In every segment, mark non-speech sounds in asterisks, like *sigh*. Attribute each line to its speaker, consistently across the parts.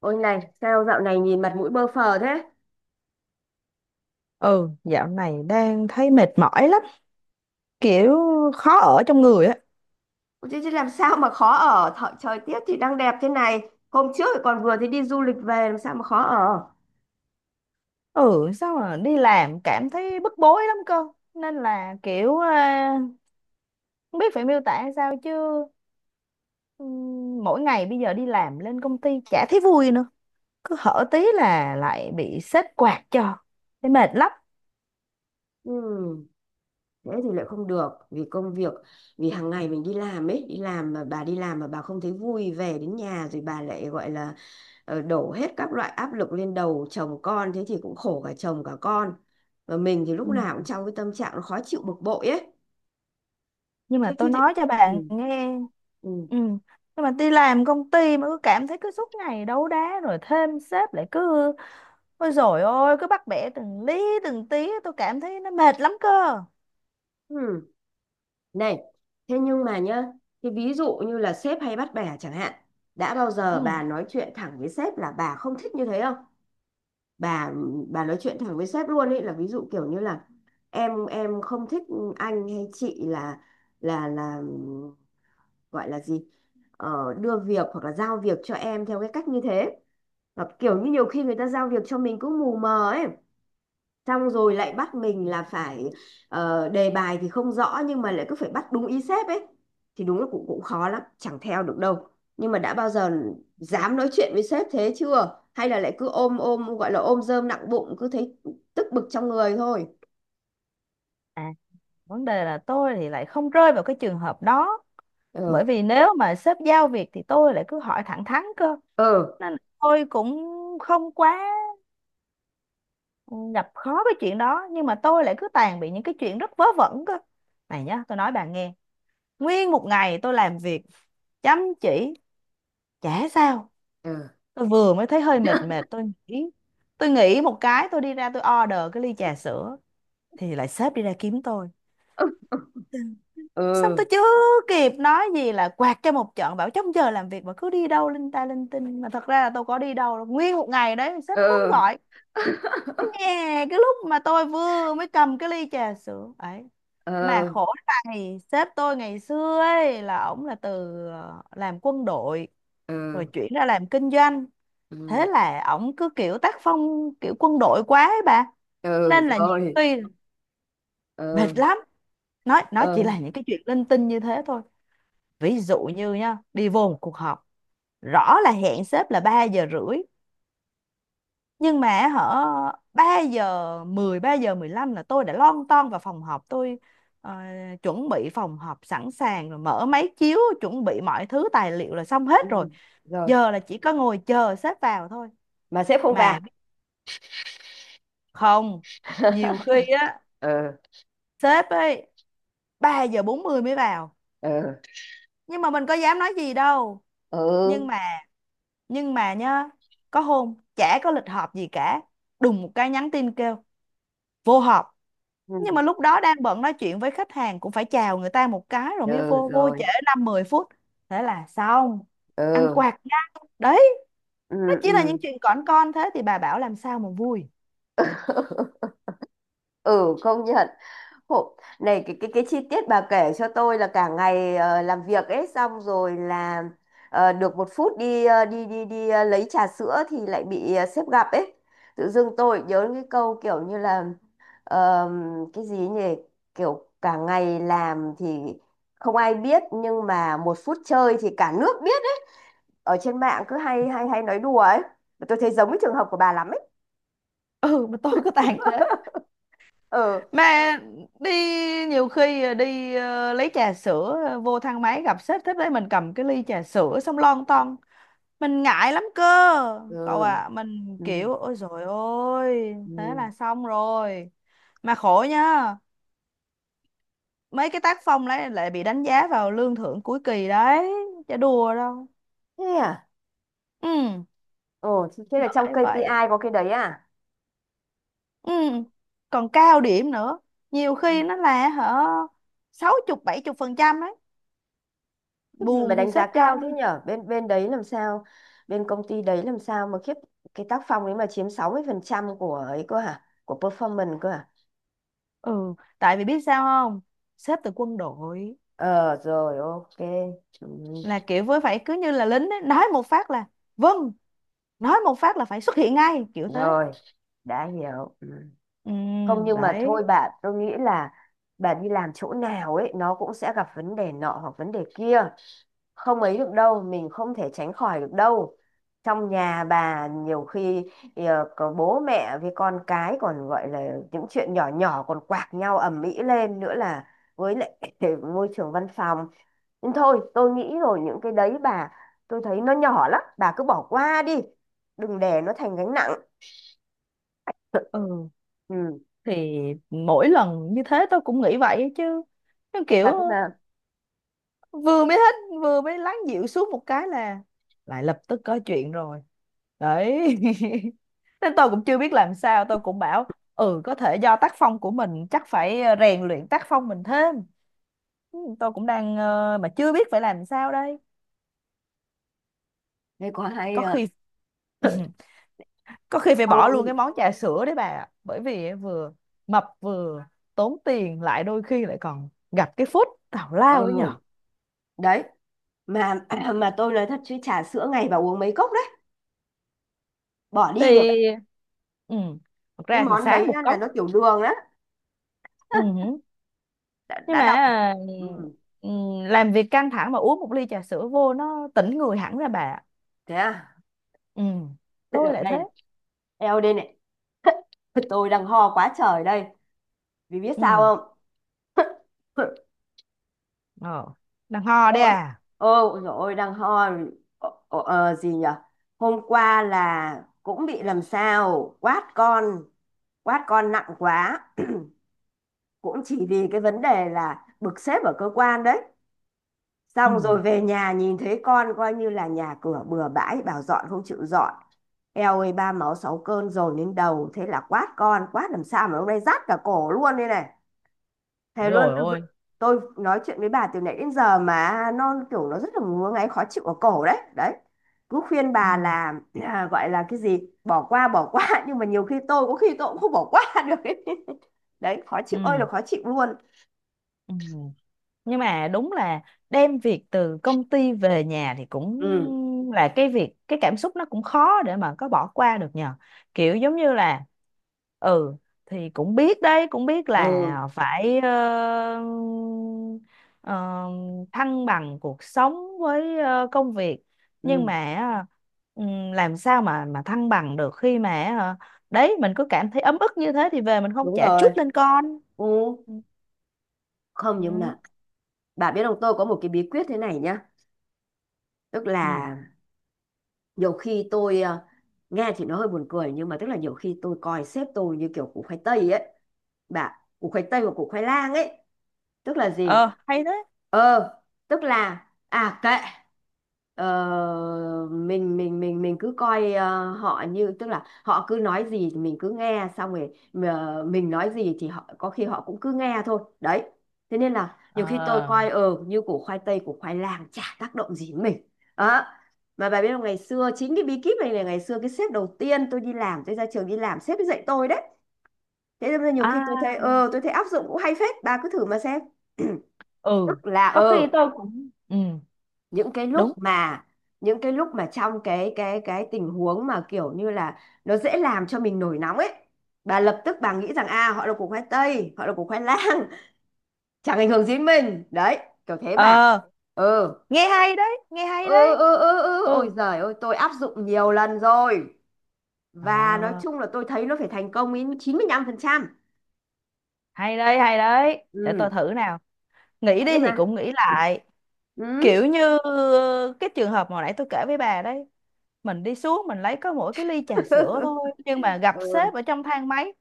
Speaker 1: Ôi này, sao dạo này nhìn mặt mũi bơ phờ thế?
Speaker 2: Ừ, dạo này đang thấy mệt mỏi lắm, kiểu khó ở trong người á.
Speaker 1: Ôi Chứ làm sao mà khó ở Thợ, Trời tiết thì đang đẹp thế này. Hôm trước thì còn vừa thì đi du lịch về. Làm sao mà khó ở.
Speaker 2: Ừ, sao mà đi làm cảm thấy bức bối lắm cơ. Nên là không biết phải miêu tả sao chứ mỗi ngày bây giờ đi làm lên công ty chả thấy vui nữa. Cứ hở tí là lại bị sếp quạt cho. Thấy mệt lắm.
Speaker 1: Ừm, thế thì lại không được vì công việc, vì hàng ngày mình đi làm ấy, đi làm mà bà đi làm mà bà không thấy vui, về đến nhà rồi bà lại gọi là đổ hết các loại áp lực lên đầu chồng con, thế thì cũng khổ cả chồng cả con, và mình thì lúc nào
Speaker 2: Ừ,
Speaker 1: cũng trong cái tâm trạng nó khó chịu bực bội ấy.
Speaker 2: nhưng
Speaker 1: thế
Speaker 2: mà tôi
Speaker 1: thì, thì...
Speaker 2: nói cho
Speaker 1: Ừ.
Speaker 2: bạn nghe.
Speaker 1: Ừ.
Speaker 2: Ừ, nhưng mà đi làm công ty mà cứ cảm thấy cứ suốt ngày đấu đá rồi thêm sếp lại cứ ôi dồi ôi cứ bắt bẻ từng lý từng tí, tôi cảm thấy nó mệt lắm cơ.
Speaker 1: Ừ. Này, thế nhưng mà nhá, thì ví dụ như là sếp hay bắt bẻ chẳng hạn, đã bao giờ bà
Speaker 2: ừ.
Speaker 1: nói chuyện thẳng với sếp là bà không thích như thế không? Bà bà nói chuyện thẳng với sếp luôn ấy, là ví dụ kiểu như là em không thích anh hay chị là là gọi là gì? Ờ, đưa việc hoặc là giao việc cho em theo cái cách như thế. Hoặc kiểu như nhiều khi người ta giao việc cho mình cũng mù mờ ấy, xong rồi lại bắt mình là phải đề bài thì không rõ nhưng mà lại cứ phải bắt đúng ý sếp ấy, thì đúng là cũng cũng khó lắm, chẳng theo được đâu. Nhưng mà đã bao giờ dám nói chuyện với sếp thế chưa, hay là lại cứ ôm ôm gọi là ôm rơm nặng bụng, cứ thấy tức bực trong người thôi?
Speaker 2: à vấn đề là tôi thì lại không rơi vào cái trường hợp đó,
Speaker 1: Ừ.
Speaker 2: bởi vì nếu mà sếp giao việc thì tôi lại cứ hỏi thẳng thắn cơ.
Speaker 1: Ừ.
Speaker 2: Nên là tôi cũng không quá gặp khó cái chuyện đó, nhưng mà tôi lại cứ tàn bị những cái chuyện rất vớ vẩn cơ. Này nhá, tôi nói bạn nghe. Nguyên một ngày tôi làm việc chăm chỉ, chả sao.
Speaker 1: Ừ.
Speaker 2: Tôi vừa mới thấy hơi mệt mệt, tôi nghĩ. Tôi nghĩ một cái, tôi đi ra tôi order cái ly trà sữa. Thì lại sếp đi ra kiếm tôi. Xong
Speaker 1: Ừ.
Speaker 2: tôi chưa kịp nói gì là quạt cho một trận, bảo trong giờ làm việc mà cứ đi đâu linh ta linh tinh. Mà thật ra là tôi có đi đâu đâu. Nguyên một ngày đấy, sếp không
Speaker 1: Ừ.
Speaker 2: gọi. Nè, cái lúc mà tôi vừa mới cầm cái ly trà sữa ấy mà
Speaker 1: Ừ.
Speaker 2: khổ. Này sếp tôi ngày xưa ấy là ổng là từ làm quân đội rồi
Speaker 1: Ừ.
Speaker 2: chuyển ra làm kinh doanh. Thế
Speaker 1: Ừ.
Speaker 2: là ổng cứ kiểu tác phong kiểu quân đội quá ấy bà.
Speaker 1: Ừ
Speaker 2: Nên là nhiều
Speaker 1: rồi.
Speaker 2: khi mệt
Speaker 1: Ừ.
Speaker 2: lắm, nói nó chỉ
Speaker 1: Ừ.
Speaker 2: là những cái chuyện linh tinh như thế thôi. Ví dụ như nha, đi vô một cuộc họp, rõ là hẹn sếp là 3 giờ rưỡi, nhưng mà hở 3 giờ 10, 3 giờ 15 là tôi đã lon ton vào phòng họp tôi ờ, chuẩn bị phòng họp sẵn sàng, rồi mở máy chiếu chuẩn bị mọi thứ tài liệu là xong hết rồi.
Speaker 1: Ừ, rồi.
Speaker 2: Giờ là chỉ có ngồi chờ sếp vào thôi,
Speaker 1: Mà sếp không
Speaker 2: mà
Speaker 1: vào.
Speaker 2: biết không, nhiều khi á,
Speaker 1: *laughs* Ừ.
Speaker 2: sếp ấy 3 giờ 40 mới vào.
Speaker 1: Ừ.
Speaker 2: Nhưng mà mình có dám nói gì đâu.
Speaker 1: Ừ.
Speaker 2: Nhưng mà nhưng mà nhá, có hôm chả có lịch họp gì cả, đùng một cái nhắn tin kêu vô họp. Nhưng mà lúc đó đang bận nói chuyện với khách hàng, cũng phải chào người ta một cái rồi mới
Speaker 1: Ừ,
Speaker 2: vô, vô
Speaker 1: rồi.
Speaker 2: trễ 5 10 phút, thế là xong, ăn
Speaker 1: Ừ.
Speaker 2: quạt nha. Đấy,
Speaker 1: Ừ.
Speaker 2: nó chỉ là những
Speaker 1: Ừ.
Speaker 2: chuyện cỏn con, thế thì bà bảo làm sao mà vui.
Speaker 1: *laughs* Ừ, công nhận. Hộ, này cái cái chi tiết bà kể cho tôi là cả ngày làm việc ấy, xong rồi là được một phút đi ờ, đi đi đi ờ, lấy trà sữa thì lại bị sếp gặp ấy, tự dưng tôi nhớ cái câu kiểu như là ờm, cái gì nhỉ, kiểu cả ngày làm thì không ai biết nhưng mà một phút chơi thì cả nước biết ấy, ở trên mạng cứ hay hay hay nói đùa ấy. Tôi thấy giống cái trường hợp của bà lắm ấy.
Speaker 2: Ừ, mà tôi cứ tàn thế.
Speaker 1: Ừ.
Speaker 2: Mà đi Nhiều khi đi lấy trà sữa, vô thang máy gặp sếp thế đấy, mình cầm cái ly trà sữa xong lon ton, mình ngại lắm cơ.
Speaker 1: Ừ.
Speaker 2: Cậu à, mình
Speaker 1: Ừ.
Speaker 2: kiểu ôi dồi ôi thế
Speaker 1: Ừ.
Speaker 2: là xong rồi. Mà khổ nhá, mấy cái tác phong đấy lại bị đánh giá vào lương thưởng cuối kỳ đấy, chả đùa đâu.
Speaker 1: Thế à?
Speaker 2: Ừ
Speaker 1: Ồ, thế thế là trong
Speaker 2: bởi
Speaker 1: KPI
Speaker 2: vậy.
Speaker 1: có cái đấy à?
Speaker 2: Ừ, còn cao điểm nữa, nhiều
Speaker 1: Ừ.
Speaker 2: khi nó là hở 60 70% đấy,
Speaker 1: Khiếp gì mà
Speaker 2: buồn thì
Speaker 1: đánh giá
Speaker 2: sếp cho.
Speaker 1: cao thế nhở? Bên bên đấy làm sao? Bên công ty đấy làm sao mà khiếp, cái tác phong đấy mà chiếm 60% của ấy cơ hả? Của performance cơ hả?
Speaker 2: Ừ, tại vì biết sao không, sếp từ quân đội,
Speaker 1: Ờ rồi, ok. Ừ.
Speaker 2: là kiểu với phải cứ như là lính ấy, nói một phát là vâng, nói một phát là phải xuất hiện ngay kiểu thế.
Speaker 1: Rồi, đã hiểu. Ừ.
Speaker 2: Ừ
Speaker 1: Không nhưng mà
Speaker 2: đấy.
Speaker 1: thôi bạn, tôi nghĩ là bạn đi làm chỗ nào ấy nó cũng sẽ gặp vấn đề nọ hoặc vấn đề kia, không ấy được đâu, mình không thể tránh khỏi được đâu. Trong nhà bà nhiều khi có bố mẹ với con cái còn gọi là những chuyện nhỏ nhỏ còn quạc nhau ầm ĩ lên, nữa là với lại *laughs* môi trường văn phòng. Nhưng thôi tôi nghĩ rồi, những cái đấy bà, tôi thấy nó nhỏ lắm, bà cứ bỏ qua đi, đừng để nó thành gánh nặng. *laughs*
Speaker 2: Ừ
Speaker 1: Ừ.
Speaker 2: thì mỗi lần như thế tôi cũng nghĩ vậy chứ, nó
Speaker 1: Thật
Speaker 2: kiểu
Speaker 1: mà.
Speaker 2: vừa mới hết, vừa mới lắng dịu xuống một cái là lại lập tức có chuyện rồi. Đấy *laughs* nên tôi cũng chưa biết làm sao, tôi cũng bảo ừ có thể do tác phong của mình, chắc phải rèn luyện tác phong mình thêm. Ừ, tôi cũng đang mà chưa biết phải làm sao đây.
Speaker 1: Thế có hay
Speaker 2: Có
Speaker 1: à.
Speaker 2: khi *laughs* có khi phải
Speaker 1: Đau
Speaker 2: bỏ luôn cái
Speaker 1: không?
Speaker 2: món trà sữa đấy bà ạ. Bởi vì á, vừa mập vừa tốn tiền, lại đôi khi lại còn gặp cái phút tào lao ấy nhở.
Speaker 1: Ừ, đấy. Mà *clears throat* mà tôi nói thật chứ trà sữa ngày bà uống mấy cốc đấy. Bỏ
Speaker 2: thì
Speaker 1: đi được đấy.
Speaker 2: ừ, thật
Speaker 1: Cái
Speaker 2: ra thì
Speaker 1: món đấy
Speaker 2: sáng một
Speaker 1: á, là
Speaker 2: cốc
Speaker 1: nó tiểu đường á.
Speaker 2: Ừ, nhưng
Speaker 1: Đã đọc.
Speaker 2: mà
Speaker 1: Ừ,
Speaker 2: ừ, làm việc căng thẳng mà uống 1 ly trà sữa vô nó tỉnh người hẳn ra bà ạ.
Speaker 1: thế à.
Speaker 2: Ừ,
Speaker 1: Thế
Speaker 2: tôi
Speaker 1: được
Speaker 2: lại
Speaker 1: đây
Speaker 2: thế.
Speaker 1: này. Eo đây này. *laughs* Tôi đang ho quá trời đây. Vì biết
Speaker 2: Ừ,
Speaker 1: sao không? *laughs*
Speaker 2: ờ, đang ho đấy
Speaker 1: Ôi.
Speaker 2: à.
Speaker 1: Ôi dồi ôi, đang ho. Gì nhở. Hôm qua là cũng bị làm sao. Quát con. Quát con nặng quá. Cũng chỉ vì cái vấn đề là bực sếp ở cơ quan đấy,
Speaker 2: Ừ
Speaker 1: xong rồi về nhà nhìn thấy con, coi như là nhà cửa bừa bãi, bảo dọn không chịu dọn. Eo ơi, ba máu sáu cơn dồn đến đầu, thế là quát con, quát làm sao mà hôm nay rát cả cổ luôn đây này. Thề luôn,
Speaker 2: rồi,
Speaker 1: tôi vẫn-
Speaker 2: ôi.
Speaker 1: Tôi nói chuyện với bà từ nãy đến giờ mà nó kiểu nó rất là ngứa ngáy khó chịu ở cổ đấy. Đấy. Cứ khuyên
Speaker 2: Ừ,
Speaker 1: bà là à, gọi là cái gì, bỏ qua *laughs* nhưng mà nhiều khi tôi có khi tôi cũng không bỏ qua *laughs* được ấy. Đấy, khó chịu ơi
Speaker 2: ừ,
Speaker 1: là khó chịu luôn.
Speaker 2: ừ, nhưng mà đúng là đem việc từ công ty về nhà thì cũng
Speaker 1: Ừ.
Speaker 2: là cái việc, cái cảm xúc nó cũng khó để mà có bỏ qua được nhờ, kiểu giống như là ừ thì cũng biết đấy, cũng biết là
Speaker 1: Ừ.
Speaker 2: phải ờ, thăng bằng cuộc sống với công việc. Nhưng
Speaker 1: Ừ.
Speaker 2: mà làm sao mà thăng bằng được khi mà đấy mình cứ cảm thấy ấm ức như thế thì về mình không
Speaker 1: Đúng
Speaker 2: chả
Speaker 1: rồi.
Speaker 2: chút lên con.
Speaker 1: Ừ,
Speaker 2: Ừ.
Speaker 1: không nhưng
Speaker 2: Ừ.
Speaker 1: mà bà biết không, tôi có một cái bí quyết thế này nhá. Tức
Speaker 2: Ừ.
Speaker 1: là nhiều khi tôi nghe thì nó hơi buồn cười nhưng mà tức là nhiều khi tôi coi sếp tôi như kiểu củ khoai tây ấy. Bà, củ khoai tây và củ khoai lang ấy, tức là gì,
Speaker 2: Ờ hay thế.
Speaker 1: ờ tức là à kệ, mình cứ coi họ như, tức là họ cứ nói gì thì mình cứ nghe, xong rồi mình nói gì thì họ có khi họ cũng cứ nghe thôi đấy. Thế nên là nhiều khi tôi
Speaker 2: Ờ.
Speaker 1: coi như củ khoai tây củ khoai lang, chả tác động gì đến mình đó. Mà bà biết không, ngày xưa chính cái bí kíp này là ngày xưa cái sếp đầu tiên tôi đi làm, tôi ra trường đi làm, sếp ấy dạy tôi đấy. Thế nên là nhiều khi tôi thấy
Speaker 2: À
Speaker 1: tôi thấy áp dụng cũng hay phết, bà cứ thử mà xem. *clears throat*
Speaker 2: ừ,
Speaker 1: Tức là
Speaker 2: có khi tôi cũng ừ.
Speaker 1: những cái lúc
Speaker 2: Đúng.
Speaker 1: mà trong cái tình huống mà kiểu như là nó dễ làm cho mình nổi nóng ấy, bà lập tức bà nghĩ rằng à họ là củ khoai tây, họ là củ khoai lang, *laughs* chẳng ảnh hưởng gì đến mình đấy, kiểu thế bà.
Speaker 2: Ờ
Speaker 1: ừ
Speaker 2: nghe hay đấy, nghe hay
Speaker 1: ừ
Speaker 2: đấy.
Speaker 1: ừ ừ ừ ôi
Speaker 2: Ừ.
Speaker 1: giời ơi, tôi áp dụng nhiều lần rồi, và nói
Speaker 2: Ờ
Speaker 1: chung là tôi thấy nó phải thành công đến 95%.
Speaker 2: hay đấy, hay đấy, để tôi
Speaker 1: Ừ,
Speaker 2: thử nào. Nghĩ
Speaker 1: thế
Speaker 2: đi thì
Speaker 1: mà.
Speaker 2: cũng nghĩ lại,
Speaker 1: Ừ.
Speaker 2: kiểu như ờ, cái trường hợp mà hồi nãy tôi kể với bà đấy, mình đi xuống mình lấy có mỗi cái ly trà sữa thôi, nhưng mà
Speaker 1: *laughs*
Speaker 2: gặp
Speaker 1: Ừ.
Speaker 2: sếp ở trong thang máy,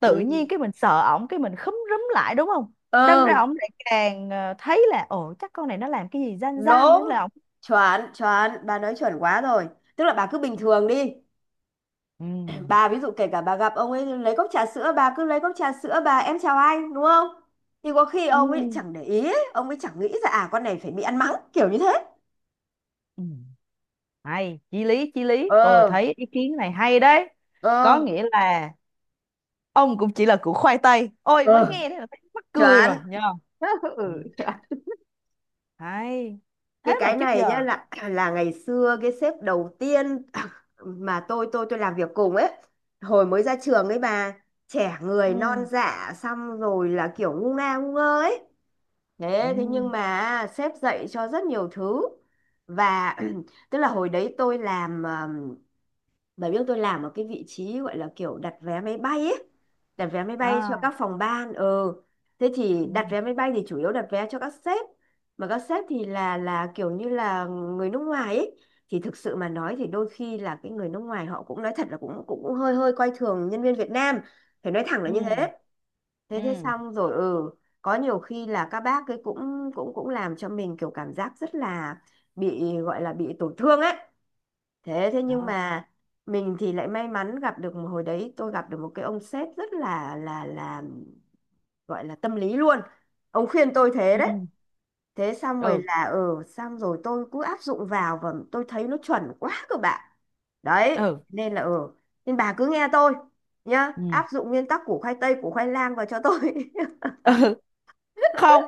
Speaker 2: tự nhiên
Speaker 1: Ừ.
Speaker 2: cái mình sợ ổng, cái mình khúm rúm lại đúng không. Đâm ra
Speaker 1: Ừ.
Speaker 2: ổng lại càng thấy là ồ chắc con này nó làm cái gì gian gian nữa
Speaker 1: Đúng.
Speaker 2: là ổng.
Speaker 1: Chuẩn, chuẩn, bà nói chuẩn quá rồi. Tức là bà cứ bình thường đi,
Speaker 2: Ừ.
Speaker 1: bà ví dụ kể cả bà gặp ông ấy lấy cốc trà sữa, bà cứ lấy cốc trà sữa, bà em chào anh, đúng không? Thì có khi
Speaker 2: Ừ.
Speaker 1: ông ấy chẳng để ý ấy. Ông ấy chẳng nghĩ ra à con này phải bị ăn mắng kiểu như thế.
Speaker 2: Ừ. Hay, chí lý, chí lý. Tôi
Speaker 1: ờ
Speaker 2: thấy ý kiến này hay đấy. Có
Speaker 1: ờ
Speaker 2: nghĩa là ông cũng chỉ là củ khoai tây. Ôi, mới
Speaker 1: ờ
Speaker 2: nghe thế là thấy mắc cười
Speaker 1: chuẩn.
Speaker 2: rồi, nhờ.
Speaker 1: *laughs*
Speaker 2: Ừ.
Speaker 1: Ừ,
Speaker 2: Hay.
Speaker 1: cái
Speaker 2: Thế mà trước
Speaker 1: này nhá,
Speaker 2: giờ.
Speaker 1: là ngày xưa cái sếp đầu tiên *clears throat* mà tôi làm việc cùng ấy, hồi mới ra trường ấy bà, trẻ người non
Speaker 2: Ừ.
Speaker 1: dạ, xong rồi là kiểu ngu ngơ ấy.
Speaker 2: Ừ.
Speaker 1: Thế thế nhưng mà sếp dạy cho rất nhiều thứ, và *clears throat* tức là hồi đấy tôi làm bà biết tôi làm ở cái vị trí gọi là kiểu đặt vé máy bay ấy. Đặt vé máy bay cho
Speaker 2: À.
Speaker 1: các phòng ban. Ừ. Thế thì
Speaker 2: Ừ.
Speaker 1: đặt vé máy bay thì chủ yếu đặt vé cho các sếp. Mà các sếp thì là kiểu như là người nước ngoài ấy. Thì thực sự mà nói thì đôi khi là cái người nước ngoài họ cũng nói thật là cũng cũng, cũng hơi hơi coi thường nhân viên Việt Nam. Phải nói thẳng là
Speaker 2: Ừ.
Speaker 1: như thế. Thế thế
Speaker 2: Ừ.
Speaker 1: xong rồi ừ. Có nhiều khi là các bác ấy cũng cũng cũng làm cho mình kiểu cảm giác rất là bị gọi là bị tổn thương ấy. Thế thế nhưng
Speaker 2: Ờ.
Speaker 1: mà mình thì lại may mắn gặp được, một hồi đấy tôi gặp được một cái ông sếp rất là là gọi là tâm lý luôn. Ông khuyên tôi thế đấy.
Speaker 2: Ừ.
Speaker 1: Thế xong rồi
Speaker 2: Ừ.
Speaker 1: là ừ, xong rồi tôi cứ áp dụng vào và tôi thấy nó chuẩn quá cơ bạn. Đấy,
Speaker 2: Ừ.
Speaker 1: nên là ừ, nên bà cứ nghe tôi nhá,
Speaker 2: Ừ. Ừ.
Speaker 1: áp dụng nguyên tắc củ khoai tây củ khoai lang vào cho tôi.
Speaker 2: *laughs* Không.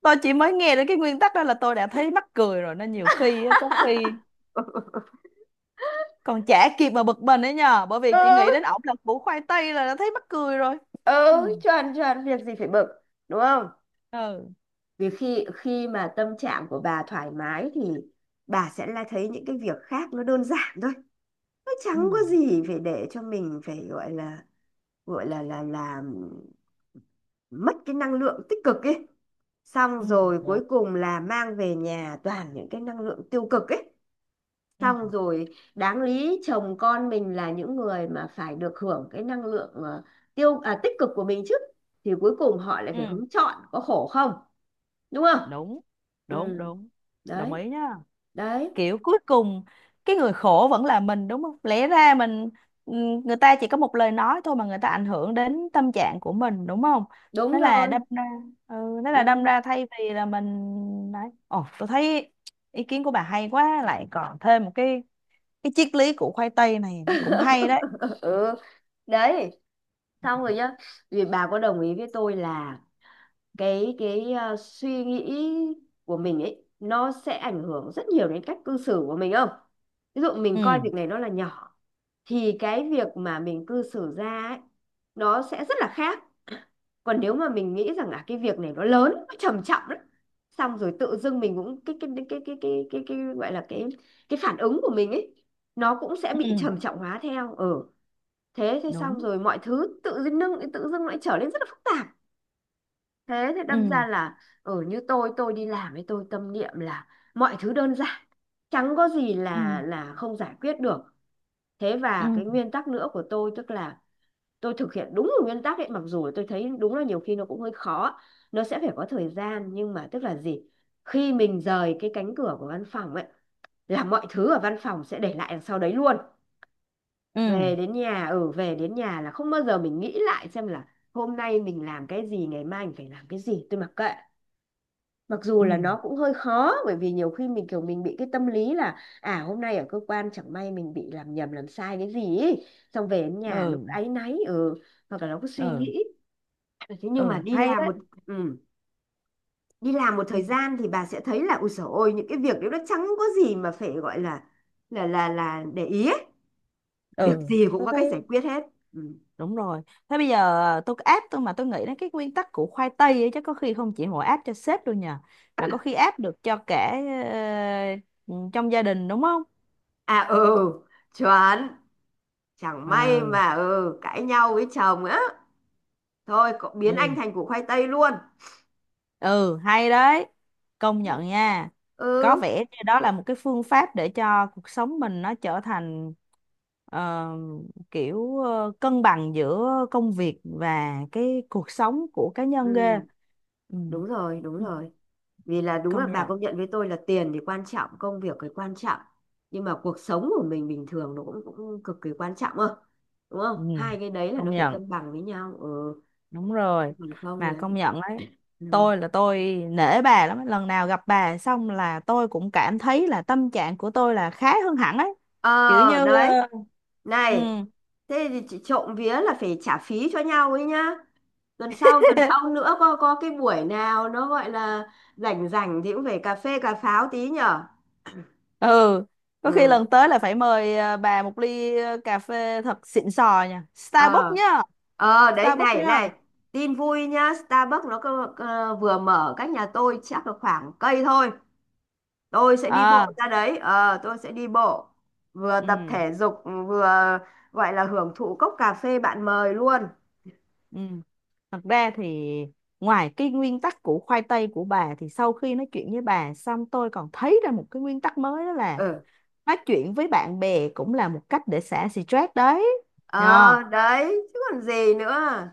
Speaker 2: Tôi chỉ mới nghe đến cái nguyên tắc đó là tôi đã thấy mắc cười rồi. Nên nhiều khi á, có khi
Speaker 1: *laughs*
Speaker 2: còn chả kịp mà bực mình ấy nhờ, bởi vì
Speaker 1: Ừ,
Speaker 2: chị nghĩ đến ổng là củ khoai tây là đã thấy mắc cười rồi. Ừ.
Speaker 1: ừ chuẩn, chuẩn, việc gì phải bực, đúng không?
Speaker 2: Ừ.
Speaker 1: Vì khi khi mà tâm trạng của bà thoải mái thì bà sẽ là thấy những cái việc khác nó đơn giản thôi, nó
Speaker 2: Ừ.
Speaker 1: chẳng có gì phải để cho mình phải gọi là là mất cái năng lượng tích cực ấy, xong
Speaker 2: Ừ,
Speaker 1: rồi
Speaker 2: đúng.
Speaker 1: cuối cùng là mang về nhà toàn những cái năng lượng tiêu cực ấy,
Speaker 2: Ừ.
Speaker 1: xong rồi đáng lý chồng con mình là những người mà phải được hưởng cái năng lượng ờ, tiêu à, tích cực của mình chứ, thì cuối cùng họ lại phải
Speaker 2: Ừ
Speaker 1: hứng chọn, có khổ không, đúng không?
Speaker 2: đúng,
Speaker 1: Ừ.
Speaker 2: đúng, đúng. Đồng
Speaker 1: Đấy.
Speaker 2: ý nhá.
Speaker 1: Đấy.
Speaker 2: Kiểu cuối cùng cái người khổ vẫn là mình đúng không, lẽ ra mình người ta chỉ có một lời nói thôi mà người ta ảnh hưởng đến tâm trạng của mình đúng không.
Speaker 1: Đúng
Speaker 2: Thế là đâm
Speaker 1: rồi.
Speaker 2: ra ừ, thế
Speaker 1: Ừ.
Speaker 2: là đâm ra thay vì là mình đấy, ồ tôi thấy ý kiến của bà hay quá, lại còn thêm một cái triết lý của khoai tây này nó cũng hay đấy.
Speaker 1: *laughs* ừ, đấy, xong rồi nhá. Vì bà có đồng ý với tôi là suy nghĩ của mình ấy nó sẽ ảnh hưởng rất nhiều đến cách cư xử của mình không? Ví dụ mình coi
Speaker 2: Ừ.
Speaker 1: việc này nó là nhỏ thì cái việc mà mình cư xử ra ấy, nó sẽ rất là khác. Còn nếu mà mình nghĩ rằng à cái việc này nó lớn, nó trầm trọng lắm, xong rồi tự dưng mình cũng cái gọi là cái phản ứng của mình ấy nó cũng sẽ bị
Speaker 2: Ừ
Speaker 1: trầm trọng hóa theo, ừ. Thế thế xong
Speaker 2: đúng.
Speaker 1: rồi mọi thứ tự dưng tự dưng lại trở nên rất là phức tạp. Thế thế đâm
Speaker 2: Ừ.
Speaker 1: ra là ừ, như tôi đi làm ấy, tôi tâm niệm là mọi thứ đơn giản, chẳng có gì
Speaker 2: Ừ.
Speaker 1: là không giải quyết được. Thế và
Speaker 2: Ừ.
Speaker 1: cái nguyên tắc nữa của tôi tức là tôi thực hiện đúng cái nguyên tắc ấy, mặc dù tôi thấy đúng là nhiều khi nó cũng hơi khó, nó sẽ phải có thời gian. Nhưng mà tức là gì, khi mình rời cái cánh cửa của văn phòng ấy là mọi thứ ở văn phòng sẽ để lại đằng sau đấy luôn.
Speaker 2: Ừ.
Speaker 1: Về đến nhà, ừ, về đến nhà là không bao giờ mình nghĩ lại xem là hôm nay mình làm cái gì, ngày mai mình phải làm cái gì, tôi mặc kệ. Mặc dù
Speaker 2: Ừ.
Speaker 1: là nó cũng hơi khó bởi vì nhiều khi mình kiểu mình bị cái tâm lý là à, hôm nay ở cơ quan chẳng may mình bị làm nhầm làm sai cái gì ý, xong về đến nhà nó cứ
Speaker 2: Ừ.
Speaker 1: áy náy, ừ, hoặc là nó cứ suy
Speaker 2: Ừ.
Speaker 1: nghĩ. Ừ, thế nhưng mà
Speaker 2: Ừ
Speaker 1: đi
Speaker 2: hay
Speaker 1: làm
Speaker 2: đấy.
Speaker 1: một, ừ, đi làm một
Speaker 2: Ừ.
Speaker 1: thời gian thì bà sẽ thấy là ui dồi ôi, những cái việc đấy nó chẳng có gì mà phải gọi là là để ý ấy. Việc
Speaker 2: Ừ
Speaker 1: gì cũng
Speaker 2: tôi
Speaker 1: có cách
Speaker 2: thấy
Speaker 1: giải quyết hết. Ừ.
Speaker 2: đúng rồi. Thế bây giờ tôi áp, tôi mà tôi nghĩ đến cái nguyên tắc của khoai tây ấy, chắc có khi không chỉ mỗi áp cho sếp đâu nhờ, mà có khi áp được cho cả ờ, trong gia đình đúng không.
Speaker 1: À ừ, chuẩn, chẳng may
Speaker 2: Ừ.
Speaker 1: mà ừ cãi nhau với chồng á, thôi cậu biến anh
Speaker 2: Ừ.
Speaker 1: thành củ khoai tây luôn.
Speaker 2: Ừ, hay đấy. Công nhận nha. Có
Speaker 1: Ừ,
Speaker 2: vẻ như đó là một cái phương pháp để cho cuộc sống mình nó trở thành ờ, kiểu ờ, cân bằng giữa công việc và cái cuộc sống của cá nhân ghê.
Speaker 1: ừ,
Speaker 2: Ừ.
Speaker 1: đúng rồi, đúng
Speaker 2: Ừ,
Speaker 1: rồi. Vì là đúng là
Speaker 2: công
Speaker 1: bà
Speaker 2: nhận.
Speaker 1: công nhận với tôi là tiền thì quan trọng, công việc thì quan trọng, nhưng mà cuộc sống của mình bình thường nó cũng cũng cực kỳ quan trọng, ơ, đúng không?
Speaker 2: Ừ,
Speaker 1: Hai cái đấy là
Speaker 2: công
Speaker 1: nó phải
Speaker 2: nhận.
Speaker 1: cân bằng với nhau, ừ.
Speaker 2: Đúng rồi.
Speaker 1: Còn không
Speaker 2: Mà
Speaker 1: là
Speaker 2: công nhận đấy.
Speaker 1: ừ.
Speaker 2: Tôi là tôi nể bà lắm ấy. Lần nào gặp bà xong là tôi cũng cảm thấy là tâm trạng của tôi là khá hơn hẳn ấy. Kiểu như
Speaker 1: Ờ đấy,
Speaker 2: ờ, ừ.
Speaker 1: này, thế thì chị trộm vía là phải trả phí cho nhau ấy nhá, tuần sau, tuần sau
Speaker 2: *laughs*
Speaker 1: nữa, có cái buổi nào nó gọi là rảnh rảnh thì cũng phải cà phê cà pháo tí nhở.
Speaker 2: Ừ, có khi
Speaker 1: Ừ,
Speaker 2: lần tới là phải mời bà 1 ly cà phê thật xịn sò nha, Starbucks
Speaker 1: ờ,
Speaker 2: nhá.
Speaker 1: ờ đấy,
Speaker 2: Starbucks
Speaker 1: này
Speaker 2: nhá.
Speaker 1: này, tin vui nhá, Starbucks nó cơ, cơ, vừa mở cách nhà tôi chắc là khoảng cây thôi, tôi sẽ đi
Speaker 2: À.
Speaker 1: bộ ra đấy, ờ tôi sẽ đi bộ vừa
Speaker 2: Ừ.
Speaker 1: tập thể dục vừa gọi là hưởng thụ cốc cà phê bạn mời luôn.
Speaker 2: Ừ thật ra thì ngoài cái nguyên tắc của khoai tây của bà thì sau khi nói chuyện với bà xong tôi còn thấy ra một cái nguyên tắc mới, đó là
Speaker 1: Ừ,
Speaker 2: nói chuyện với bạn bè cũng là một cách để xả stress đấy nhờ.
Speaker 1: ờ đấy chứ còn gì nữa.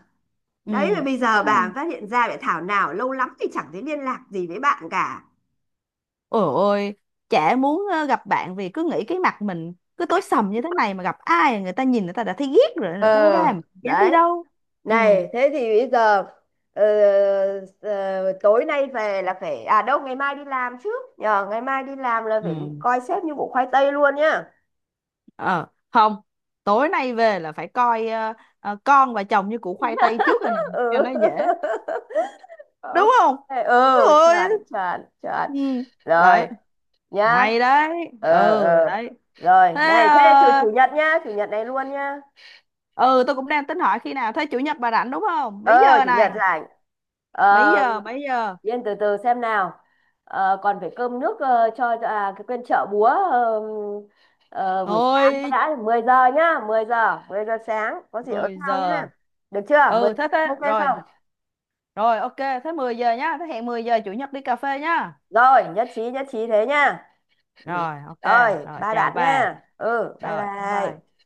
Speaker 1: Đấy mà
Speaker 2: Ừ.
Speaker 1: bây giờ bà phát hiện ra, lại thảo nào lâu lắm thì chẳng thấy liên lạc gì với bạn cả.
Speaker 2: Ôi ôi, chả muốn gặp bạn vì cứ nghĩ cái mặt mình cứ tối sầm như thế này, mà gặp ai người ta nhìn người ta đã thấy ghét rồi, đâu ra
Speaker 1: Ờ
Speaker 2: mà dám đi
Speaker 1: đấy,
Speaker 2: đâu. Ừ,
Speaker 1: này, thế thì bây giờ ờ, tối nay về là phải, à đâu, ngày mai đi làm trước nhờ, ngày mai đi làm là phải
Speaker 2: ừ,
Speaker 1: coi sếp như củ khoai tây luôn nhá.
Speaker 2: ờ, không, tối nay về là phải coi con và chồng như củ khoai tây trước rồi này,
Speaker 1: *laughs* Ừ.
Speaker 2: cho nó dễ.
Speaker 1: *laughs*
Speaker 2: Đúng
Speaker 1: Ok,
Speaker 2: không?
Speaker 1: ừ,
Speaker 2: Ôi,
Speaker 1: chuẩn chuẩn chuẩn,
Speaker 2: ừ,
Speaker 1: rồi
Speaker 2: đấy,
Speaker 1: nhá.
Speaker 2: hay đấy, ừ,
Speaker 1: ờ ờ
Speaker 2: đấy.
Speaker 1: Rồi,
Speaker 2: Thế,
Speaker 1: này, thế chủ chủ nhật nhá, chủ nhật này luôn nhá.
Speaker 2: ừ, tôi cũng đang tính hỏi khi nào, thế chủ nhật bà rảnh đúng không? Mấy
Speaker 1: Ờ,
Speaker 2: giờ
Speaker 1: chủ
Speaker 2: này?
Speaker 1: nhật rảnh, ờ.
Speaker 2: Mấy giờ, mấy giờ?
Speaker 1: Yên, từ từ xem nào. Ờ, còn phải cơm nước ờ, à, cái quên, chợ búa, buổi sáng cái
Speaker 2: Thôi
Speaker 1: đã, 10 giờ nhá, 10 giờ, 10 giờ sáng có gì ở
Speaker 2: 10
Speaker 1: nhau
Speaker 2: giờ
Speaker 1: nhá.
Speaker 2: à?
Speaker 1: Được chưa? 10
Speaker 2: Ừ
Speaker 1: giờ
Speaker 2: thế thế
Speaker 1: ok
Speaker 2: rồi,
Speaker 1: không?
Speaker 2: rồi ok. Thế 10 giờ nhá, thế hẹn 10 giờ chủ nhật đi cà phê nhá.
Speaker 1: Rồi, nhất trí thế nhá. Ừ.
Speaker 2: Rồi ok.
Speaker 1: Rồi,
Speaker 2: Rồi
Speaker 1: bye
Speaker 2: chào
Speaker 1: bạn
Speaker 2: bà.
Speaker 1: nha. Ừ, bye
Speaker 2: Rồi bye
Speaker 1: bye.
Speaker 2: bye.